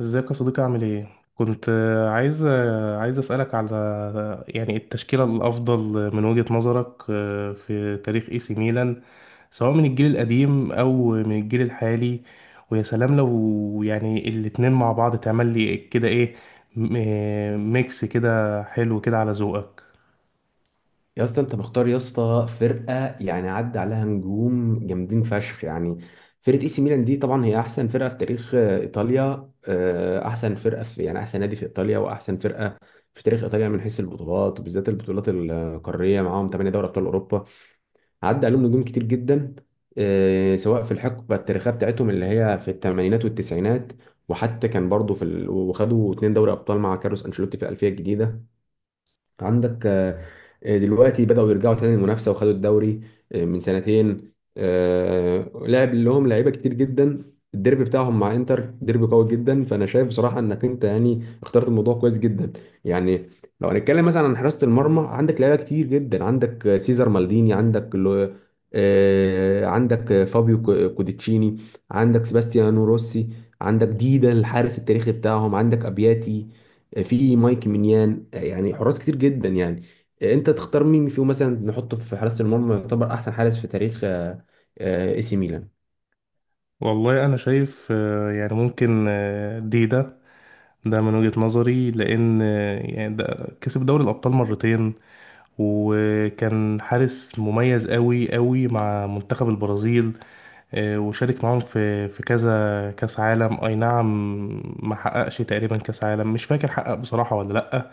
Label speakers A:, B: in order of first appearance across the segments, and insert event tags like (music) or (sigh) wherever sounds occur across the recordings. A: ازيك يا صديقي، عامل ايه؟ كنت عايز اسالك على يعني التشكيله الافضل من وجهه نظرك في تاريخ اي سي ميلان، سواء من الجيل القديم او من الجيل الحالي. ويا سلام لو يعني الاتنين مع بعض تعمل لي كده ايه، ميكس كده حلو كده على ذوقك.
B: يا اسطى، انت مختار يا اسطى فرقه يعني عدى عليها نجوم جامدين فشخ يعني. فرقه اي سي ميلان دي طبعا هي احسن فرقه في تاريخ ايطاليا، احسن فرقه في يعني احسن نادي في ايطاليا واحسن فرقه في تاريخ ايطاليا من حيث البطولات وبالذات البطولات القاريه. معاهم 8 دوري ابطال اوروبا. عدى عليهم نجوم كتير جدا، سواء في الحقبه التاريخيه بتاعتهم اللي هي في الثمانينات والتسعينات. وحتى كان برضه وخدوا اتنين دوري ابطال مع كارلوس انشيلوتي في الالفيه الجديده. عندك. دلوقتي بدأوا يرجعوا تاني المنافسة وخدوا الدوري من سنتين. لعب لهم لعيبة كتير جدا. الديربي بتاعهم مع انتر ديربي قوي جدا، فانا شايف بصراحة انك انت يعني اخترت الموضوع كويس جدا يعني. لو هنتكلم مثلا عن حراسة المرمى، عندك لعيبة كتير جدا. عندك سيزر مالديني، عندك عندك فابيو كوديتشيني، عندك سباستيانو روسي، عندك ديدا الحارس التاريخي بتاعهم، عندك ابياتي، في مايك مينيان. يعني حراس كتير جدا يعني. انت تختار مين فيهم مثلا نحطه في حراسة المرمى يعتبر احسن حارس في تاريخ اي سي ميلان.
A: والله انا شايف يعني ممكن ده. ده من وجهه نظري، لان يعني ده كسب دوري الابطال مرتين، وكان حارس مميز قوي قوي مع منتخب البرازيل. وشارك معاهم في كذا كاس عالم. اي نعم، ما حققش تقريبا كاس عالم، مش فاكر حقق بصراحة ولا لا.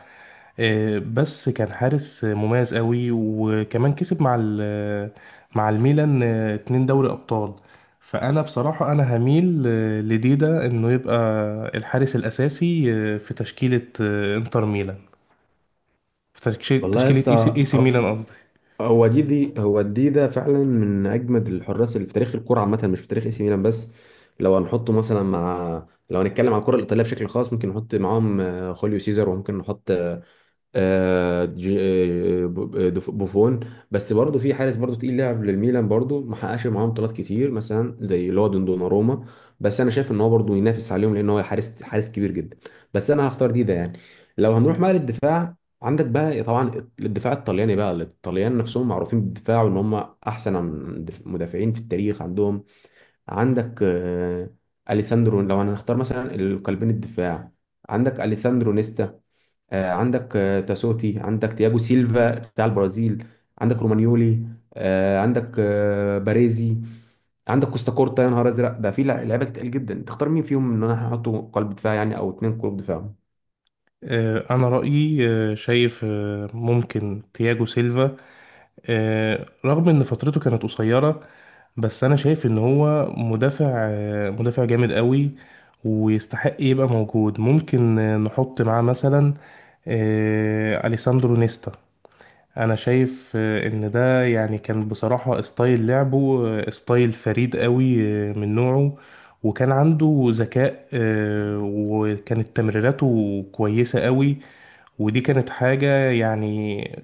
A: بس كان حارس مميز قوي، وكمان كسب مع مع الميلان اتنين دوري ابطال. فانا بصراحة انا هميل لديدا انه يبقى الحارس الاساسي في تشكيلة انتر ميلان، في تشكيلة
B: والله يا
A: تشكيلة
B: اسطى،
A: اي سي إي سي
B: هو
A: ميلان قصدي.
B: هو دي دي هو دي ده فعلا من اجمد الحراس اللي في تاريخ الكرة عامة، مش في تاريخ اي سي ميلان بس. لو هنحطه مثلا، مع لو هنتكلم على الكرة الإيطالية بشكل خاص، ممكن نحط معاهم خوليو سيزر، وممكن نحط بوفون. بس برضه في حارس برضه تقيل لعب للميلان برضه ما حققش معاهم بطولات كتير، مثلا زي اللي هو دوناروما. بس انا شايف ان هو برضه ينافس عليهم لان هو حارس حارس كبير جدا. بس انا هختار دي ده يعني. لو هنروح بقى للدفاع، عندك بقى طبعا الدفاع الطلياني بقى الطليان نفسهم معروفين بالدفاع، وان هم احسن مدافعين في التاريخ عندهم. عندك اليساندرو، لو هنختار مثلا القلبين الدفاع، عندك اليساندرو نيستا، عندك تاسوتي، عندك تياجو سيلفا بتاع البرازيل، عندك رومانيولي، عندك باريزي، عندك كوستا كورتا. يا نهار ازرق، ده في لعيبه كتير جدا. تختار مين فيهم ان انا هحطه قلب دفاع، يعني او اتنين قلوب دفاع.
A: أنا رأيي شايف ممكن تياجو سيلفا، رغم إن فترته كانت قصيرة، بس أنا شايف إن هو مدافع جامد قوي، ويستحق يبقى موجود. ممكن نحط معاه مثلا أليساندرو نيستا. أنا شايف إن ده يعني كان بصراحة ستايل لعبه، ستايل فريد قوي من نوعه، وكان عنده ذكاء، وكانت تمريراته كويسة قوي. ودي كانت حاجة يعني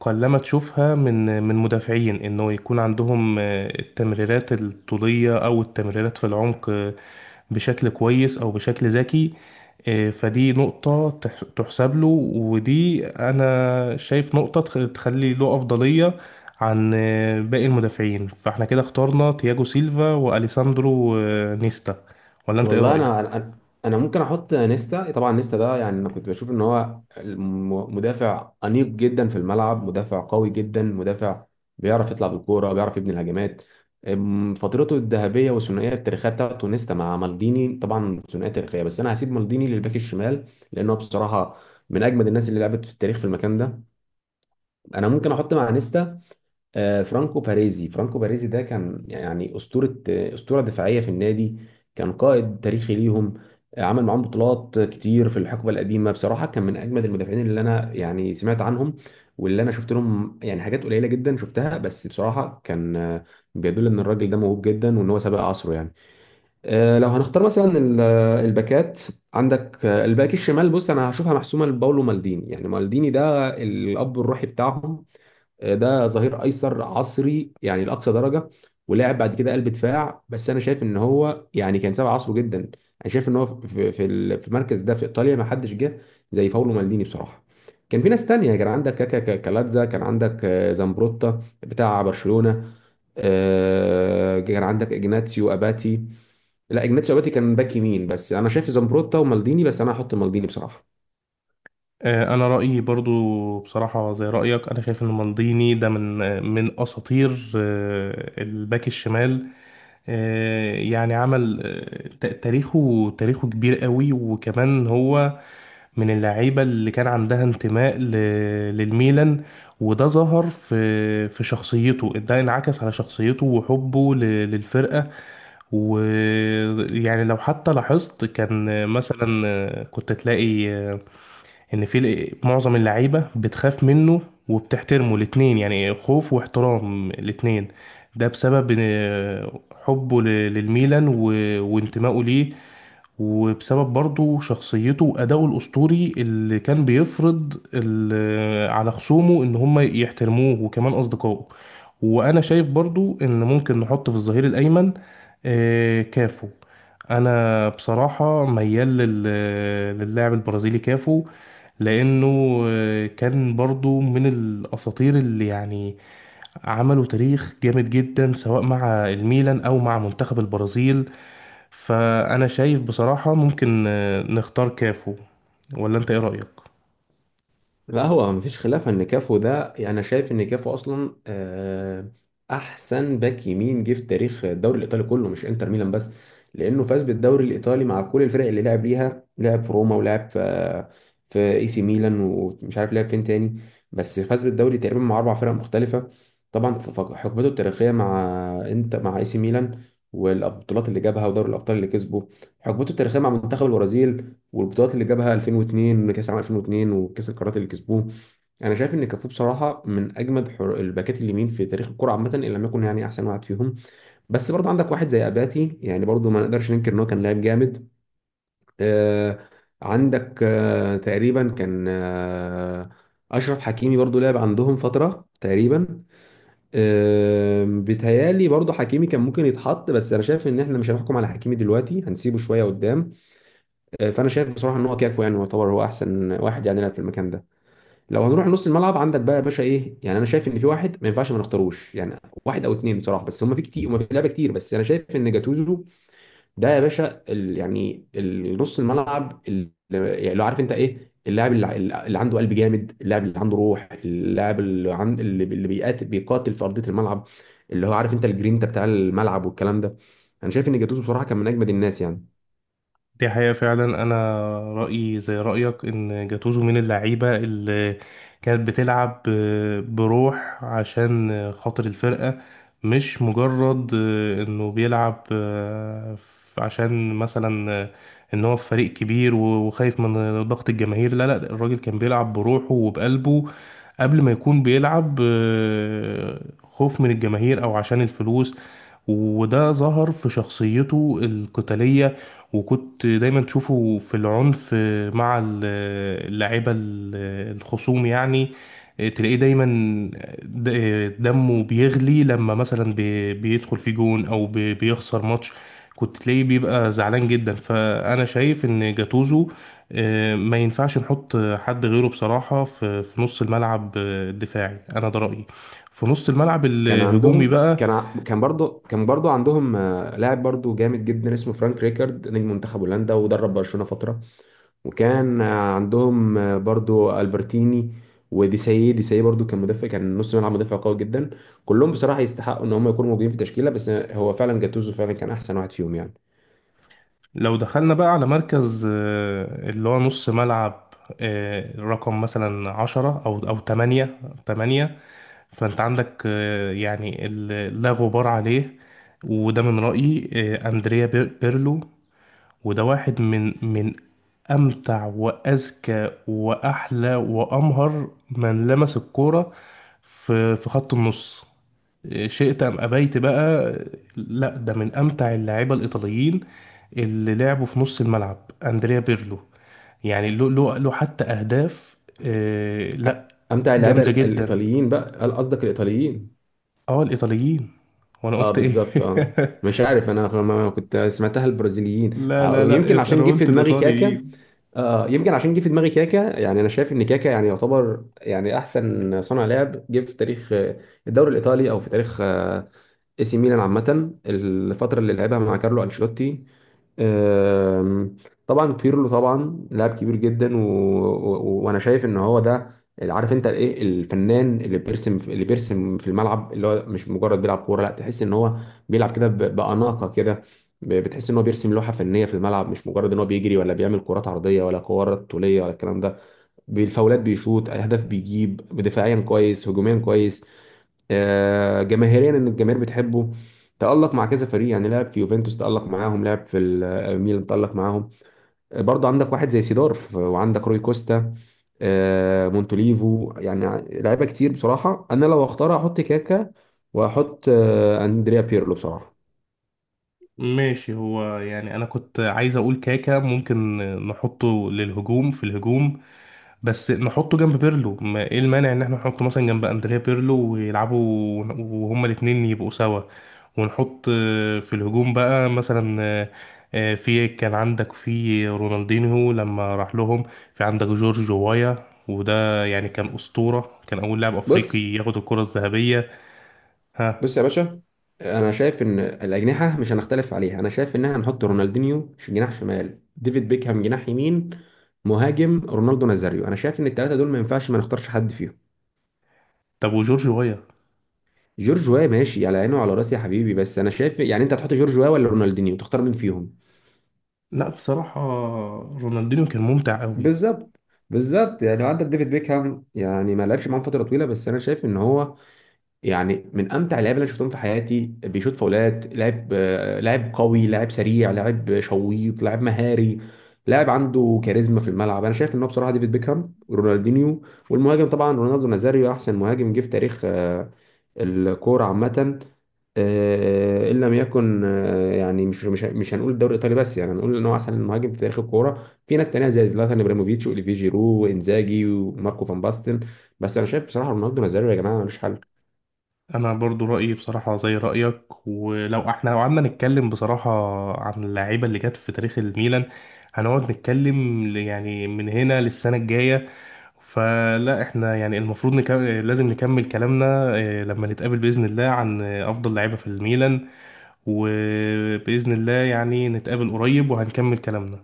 A: قلما تشوفها من مدافعين، انه يكون عندهم التمريرات الطولية او التمريرات في العمق بشكل كويس او بشكل ذكي. فدي نقطة تحسب له، ودي انا شايف نقطة تخلي له افضلية عن باقي المدافعين. فاحنا كده اخترنا تياجو سيلفا واليساندرو نيستا، ولا انت ايه
B: والله
A: رأيك؟
B: انا انا ممكن احط نيستا. طبعا نيستا ده يعني انا كنت بشوف ان هو مدافع انيق جدا في الملعب، مدافع قوي جدا، مدافع بيعرف يطلع بالكوره بيعرف يبني الهجمات. فترته الذهبيه والثنائيه التاريخيه بتاعته نيستا مع مالديني طبعا ثنائيه تاريخيه، بس انا هسيب مالديني للباك الشمال. لانه بصراحه من اجمد الناس اللي لعبت في التاريخ في المكان ده. انا ممكن احط مع نيستا فرانكو باريزي. فرانكو باريزي ده كان يعني أسطورة، أسطورة دفاعية في النادي. كان قائد تاريخي ليهم. عمل معاهم بطولات كتير في الحقبة القديمة. بصراحة كان من أجمد المدافعين اللي أنا يعني سمعت عنهم واللي أنا شفت لهم، يعني حاجات قليلة جدا شفتها، بس بصراحة كان بيدل إن الراجل ده موهوب جدا، وإن هو سابق عصره يعني. لو هنختار مثلا الباكات. عندك الباك الشمال. بص، أنا هشوفها محسومة لباولو مالديني. يعني مالديني ده الأب الروحي بتاعهم. ده ظهير ايسر عصري، يعني لاقصى درجه. ولعب بعد كده قلب دفاع، بس انا شايف ان هو يعني كان سابق عصره جدا. انا شايف ان هو في المركز ده في ايطاليا، ما حدش جه زي باولو مالديني بصراحه. كان في ناس تانية، كان عندك كاكا كالاتزا، كان عندك زامبروتا بتاع برشلونه، كان عندك اجناتسيو اباتي. لا، اجناتسيو اباتي كان باك يمين. بس انا شايف زامبروتا ومالديني، بس انا هحط مالديني بصراحه.
A: انا رايي برضو بصراحه زي رايك. انا شايف ان مالديني ده من من اساطير الباك الشمال. يعني عمل تاريخه كبير قوي، وكمان هو من اللعيبه اللي كان عندها انتماء للميلان، وده ظهر في شخصيته، ده انعكس على شخصيته وحبه للفرقه. ويعني لو حتى لاحظت، كان مثلا كنت تلاقي ان في معظم اللعيبه بتخاف منه وبتحترمه، الاتنين، يعني خوف واحترام الاتنين. ده بسبب حبه للميلان وانتمائه ليه، وبسبب برضه شخصيته وأدائه الأسطوري اللي كان بيفرض على خصومه إن هم يحترموه وكمان أصدقائه. وأنا شايف برضه إن ممكن نحط في الظهير الأيمن كافو. أنا بصراحة ميال للاعب البرازيلي كافو، لأنه كان برضه من الأساطير اللي يعني عملوا تاريخ جامد جدا سواء مع الميلان او مع منتخب البرازيل. فانا شايف بصراحة ممكن نختار كافو، ولا انت ايه رأيك؟
B: لا، هو مفيش خلاف ان كافو ده يعني انا شايف ان كافو اصلا احسن باك يمين جه في تاريخ الدوري الايطالي كله، مش انتر ميلان بس. لانه فاز بالدوري الايطالي مع كل الفرق اللي لعب ليها، لعب في روما، ولعب في اي سي ميلان، ومش عارف لعب فين تاني. بس فاز بالدوري تقريبا مع اربع فرق مختلفه. طبعا حقبته التاريخيه مع انت مع اي سي ميلان والبطولات اللي جابها ودوري الابطال اللي كسبه، حقبته التاريخيه مع منتخب البرازيل والبطولات اللي جابها 2002، كاس عام 2002، وكاس القارات اللي كسبوه. انا شايف ان كافو بصراحه من اجمد الباكات اليمين في تاريخ الكره عامه، ان لم يكن يعني احسن واحد فيهم. بس برضو عندك واحد زي اباتي، يعني برضو ما نقدرش ننكر ان هو كان لاعب جامد. آه عندك تقريبا كان اشرف حكيمي برضو لعب عندهم فتره تقريبا. بيتهيالي برضو حكيمي كان ممكن يتحط، بس انا شايف ان احنا مش هنحكم على حكيمي دلوقتي، هنسيبه شويه قدام. فانا شايف بصراحه ان هو كافو يعني يعتبر هو احسن واحد يعني يلعب في المكان ده. لو هنروح نص الملعب، عندك بقى يا باشا ايه. يعني انا شايف ان في واحد ما ينفعش ما نختاروش يعني، واحد او اتنين بصراحه، بس هم في كتير، هم في لعيبه كتير، بس انا شايف ان جاتوزو ده يا باشا، يعني نص الملعب اللي يعني لو عارف انت ايه اللاعب اللي عنده قلب جامد، اللاعب اللي عنده روح، اللاعب اللي عند اللي بيقاتل بيقاتل في ارضيه الملعب، اللي هو عارف انت الجرينتا بتاع الملعب والكلام ده. انا شايف ان جاتوزو بصراحه كان من اجمد الناس يعني.
A: دي حقيقة فعلا. أنا رأيي زي رأيك، إن جاتوزو من اللعيبة اللي كانت بتلعب بروح عشان خاطر الفرقة، مش مجرد إنه بيلعب عشان مثلا إن هو في فريق كبير وخايف من ضغط الجماهير. لا لا، الراجل كان بيلعب بروحه وبقلبه قبل ما يكون بيلعب خوف من الجماهير أو عشان الفلوس. وده ظهر في شخصيته القتالية، وكنت دايما تشوفه في العنف مع اللعيبة الخصوم، يعني تلاقيه دايما دمه بيغلي لما مثلا بيدخل في جون او بيخسر ماتش، كنت تلاقيه بيبقى زعلان جدا. فانا شايف ان جاتوزو ما ينفعش نحط حد غيره بصراحة في نص الملعب الدفاعي، انا ده رأيي. في نص الملعب
B: كان
A: الهجومي
B: عندهم،
A: بقى،
B: كان برضه عندهم لاعب برضه جامد جدا اسمه فرانك ريكارد، نجم منتخب هولندا، ودرب برشلونة فترة. وكان عندهم برضه البرتيني، وديسايي. برضه كان مدافع، كان نص ملعب مدافع قوي جدا. كلهم بصراحة يستحقوا ان هم يكونوا موجودين في تشكيلة، بس هو فعلا جاتوزو فعلا كان احسن واحد فيهم يعني.
A: لو دخلنا بقى على مركز اللي هو نص ملعب رقم مثلا 10 أو تمانية، فأنت عندك يعني لا غبار عليه، وده من رأيي أندريا بيرلو. وده واحد من أمتع وأذكى وأحلى وأمهر من لمس الكورة في خط النص، شئت أم أبيت بقى. لا، ده من أمتع اللاعيبة الإيطاليين اللي لعبوا في نص الملعب، أندريا بيرلو. يعني له حتى أهداف
B: أ-
A: لا،
B: امتع اللعيبة
A: جامدة جدا.
B: الايطاليين بقى؟ هل قصدك الايطاليين؟
A: اه، الإيطاليين، وأنا
B: اه،
A: قلت إيه؟ (laughs)
B: بالظبط اه. مش عارف انا ما- ما كنت سمعتها البرازيليين.
A: لا لا لا،
B: يمكن عشان
A: أنا
B: جه في
A: قلت
B: دماغي كاكا.
A: الإيطاليين.
B: يمكن عشان جه في دماغي كاكا. يعني انا شايف ان كاكا يعني يعتبر يعني احسن صانع لعب جه في تاريخ الدوري الايطالي او في تاريخ اي سي ميلان عامه، الفتره اللي لعبها مع كارلو انشيلوتي. آم، طبعا بيرلو طبعا لاعب كبير جدا، وانا شايف ان هو ده عارف انت الايه، الفنان اللي بيرسم، اللي بيرسم في الملعب، اللي هو مش مجرد بيلعب كوره، لا، تحس ان هو بيلعب كده باناقه كده. بتحس ان هو بيرسم لوحه فنيه في الملعب، مش مجرد ان هو بيجري ولا بيعمل كرات عرضيه ولا كرات طوليه ولا الكلام ده. بالفاولات، بيشوط اهداف، بيجيب دفاعيا كويس هجوميا كويس، جماهيريا ان الجماهير بتحبه. تألق مع كذا فريق، يعني لعب في يوفنتوس تألق معاهم، لعب في ميلان تألق معاهم. برضه عندك واحد زي سيدورف، وعندك روي كوستا، مونتوليفو. يعني لعيبه كتير بصراحه. انا لو اختار احط كاكا واحط اندريا بيرلو بصراحه.
A: ماشي. هو يعني أنا كنت عايز أقول كاكا، ممكن نحطه للهجوم، في الهجوم، بس نحطه جنب بيرلو. ما ايه المانع ان احنا نحطه مثلا جنب اندريا بيرلو ويلعبوا، وهما الاتنين يبقوا سوا، ونحط في الهجوم بقى مثلا في كان عندك في رونالدينيو لما راح لهم، في عندك جورج وايا، وده يعني كان أسطورة، كان أول لاعب أفريقي
B: بص
A: ياخد الكرة الذهبية. ها،
B: بص يا باشا، انا شايف ان الاجنحه مش هنختلف عليها. انا شايف ان احنا نحط رونالدينيو جناح شمال، ديفيد بيكهام جناح يمين، مهاجم رونالدو نازاريو. انا شايف ان الثلاثه دول ما ينفعش ما نختارش حد فيهم.
A: طب وجورج وايا؟
B: جورج واي ماشي على عيني وعلى راسي يا حبيبي، بس انا شايف يعني انت هتحط جورج واي ولا رونالدينيو؟ تختار مين فيهم.
A: لا، بصراحة رونالدينيو كان ممتع قوي.
B: بالظبط. بالظبط يعني عندك ديفيد بيكهام، يعني ما لعبش معاهم فتره طويله، بس انا شايف ان هو يعني من امتع اللعيبه اللي انا شفتهم في حياتي. بيشوط فاولات، لاعب لاعب قوي، لاعب سريع، لاعب شويط، لاعب مهاري، لاعب عنده كاريزما في الملعب. انا شايف ان هو بصراحه ديفيد بيكهام، رونالدينيو، والمهاجم طبعا رونالدو نازاريو، احسن مهاجم جه في تاريخ الكوره عامه، ان لم يكن يعني مش هنقول الدوري الايطالي بس، يعني هنقول ان هو احسن مهاجم في تاريخ الكوره. في ناس تانية زي زلاتان ابراهيموفيتش واوليفيه جيرو وانزاجي وماركو فان باستن، بس انا شايف بصراحه رونالدو نازاريو يا جماعه ملوش حل.
A: انا برضو رايي بصراحه زي رايك، ولو احنا لو قعدنا نتكلم بصراحه عن اللعيبه اللي جت في تاريخ الميلان هنقعد نتكلم يعني من هنا للسنه الجايه، فلا احنا يعني المفروض نكمل، لازم نكمل كلامنا لما نتقابل باذن الله عن افضل لعيبه في الميلان، وباذن الله يعني نتقابل قريب وهنكمل كلامنا.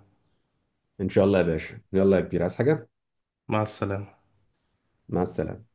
B: ان شاء الله يا باشا، يلا يا كبير، عايز حاجه؟
A: مع السلامه.
B: مع السلامه.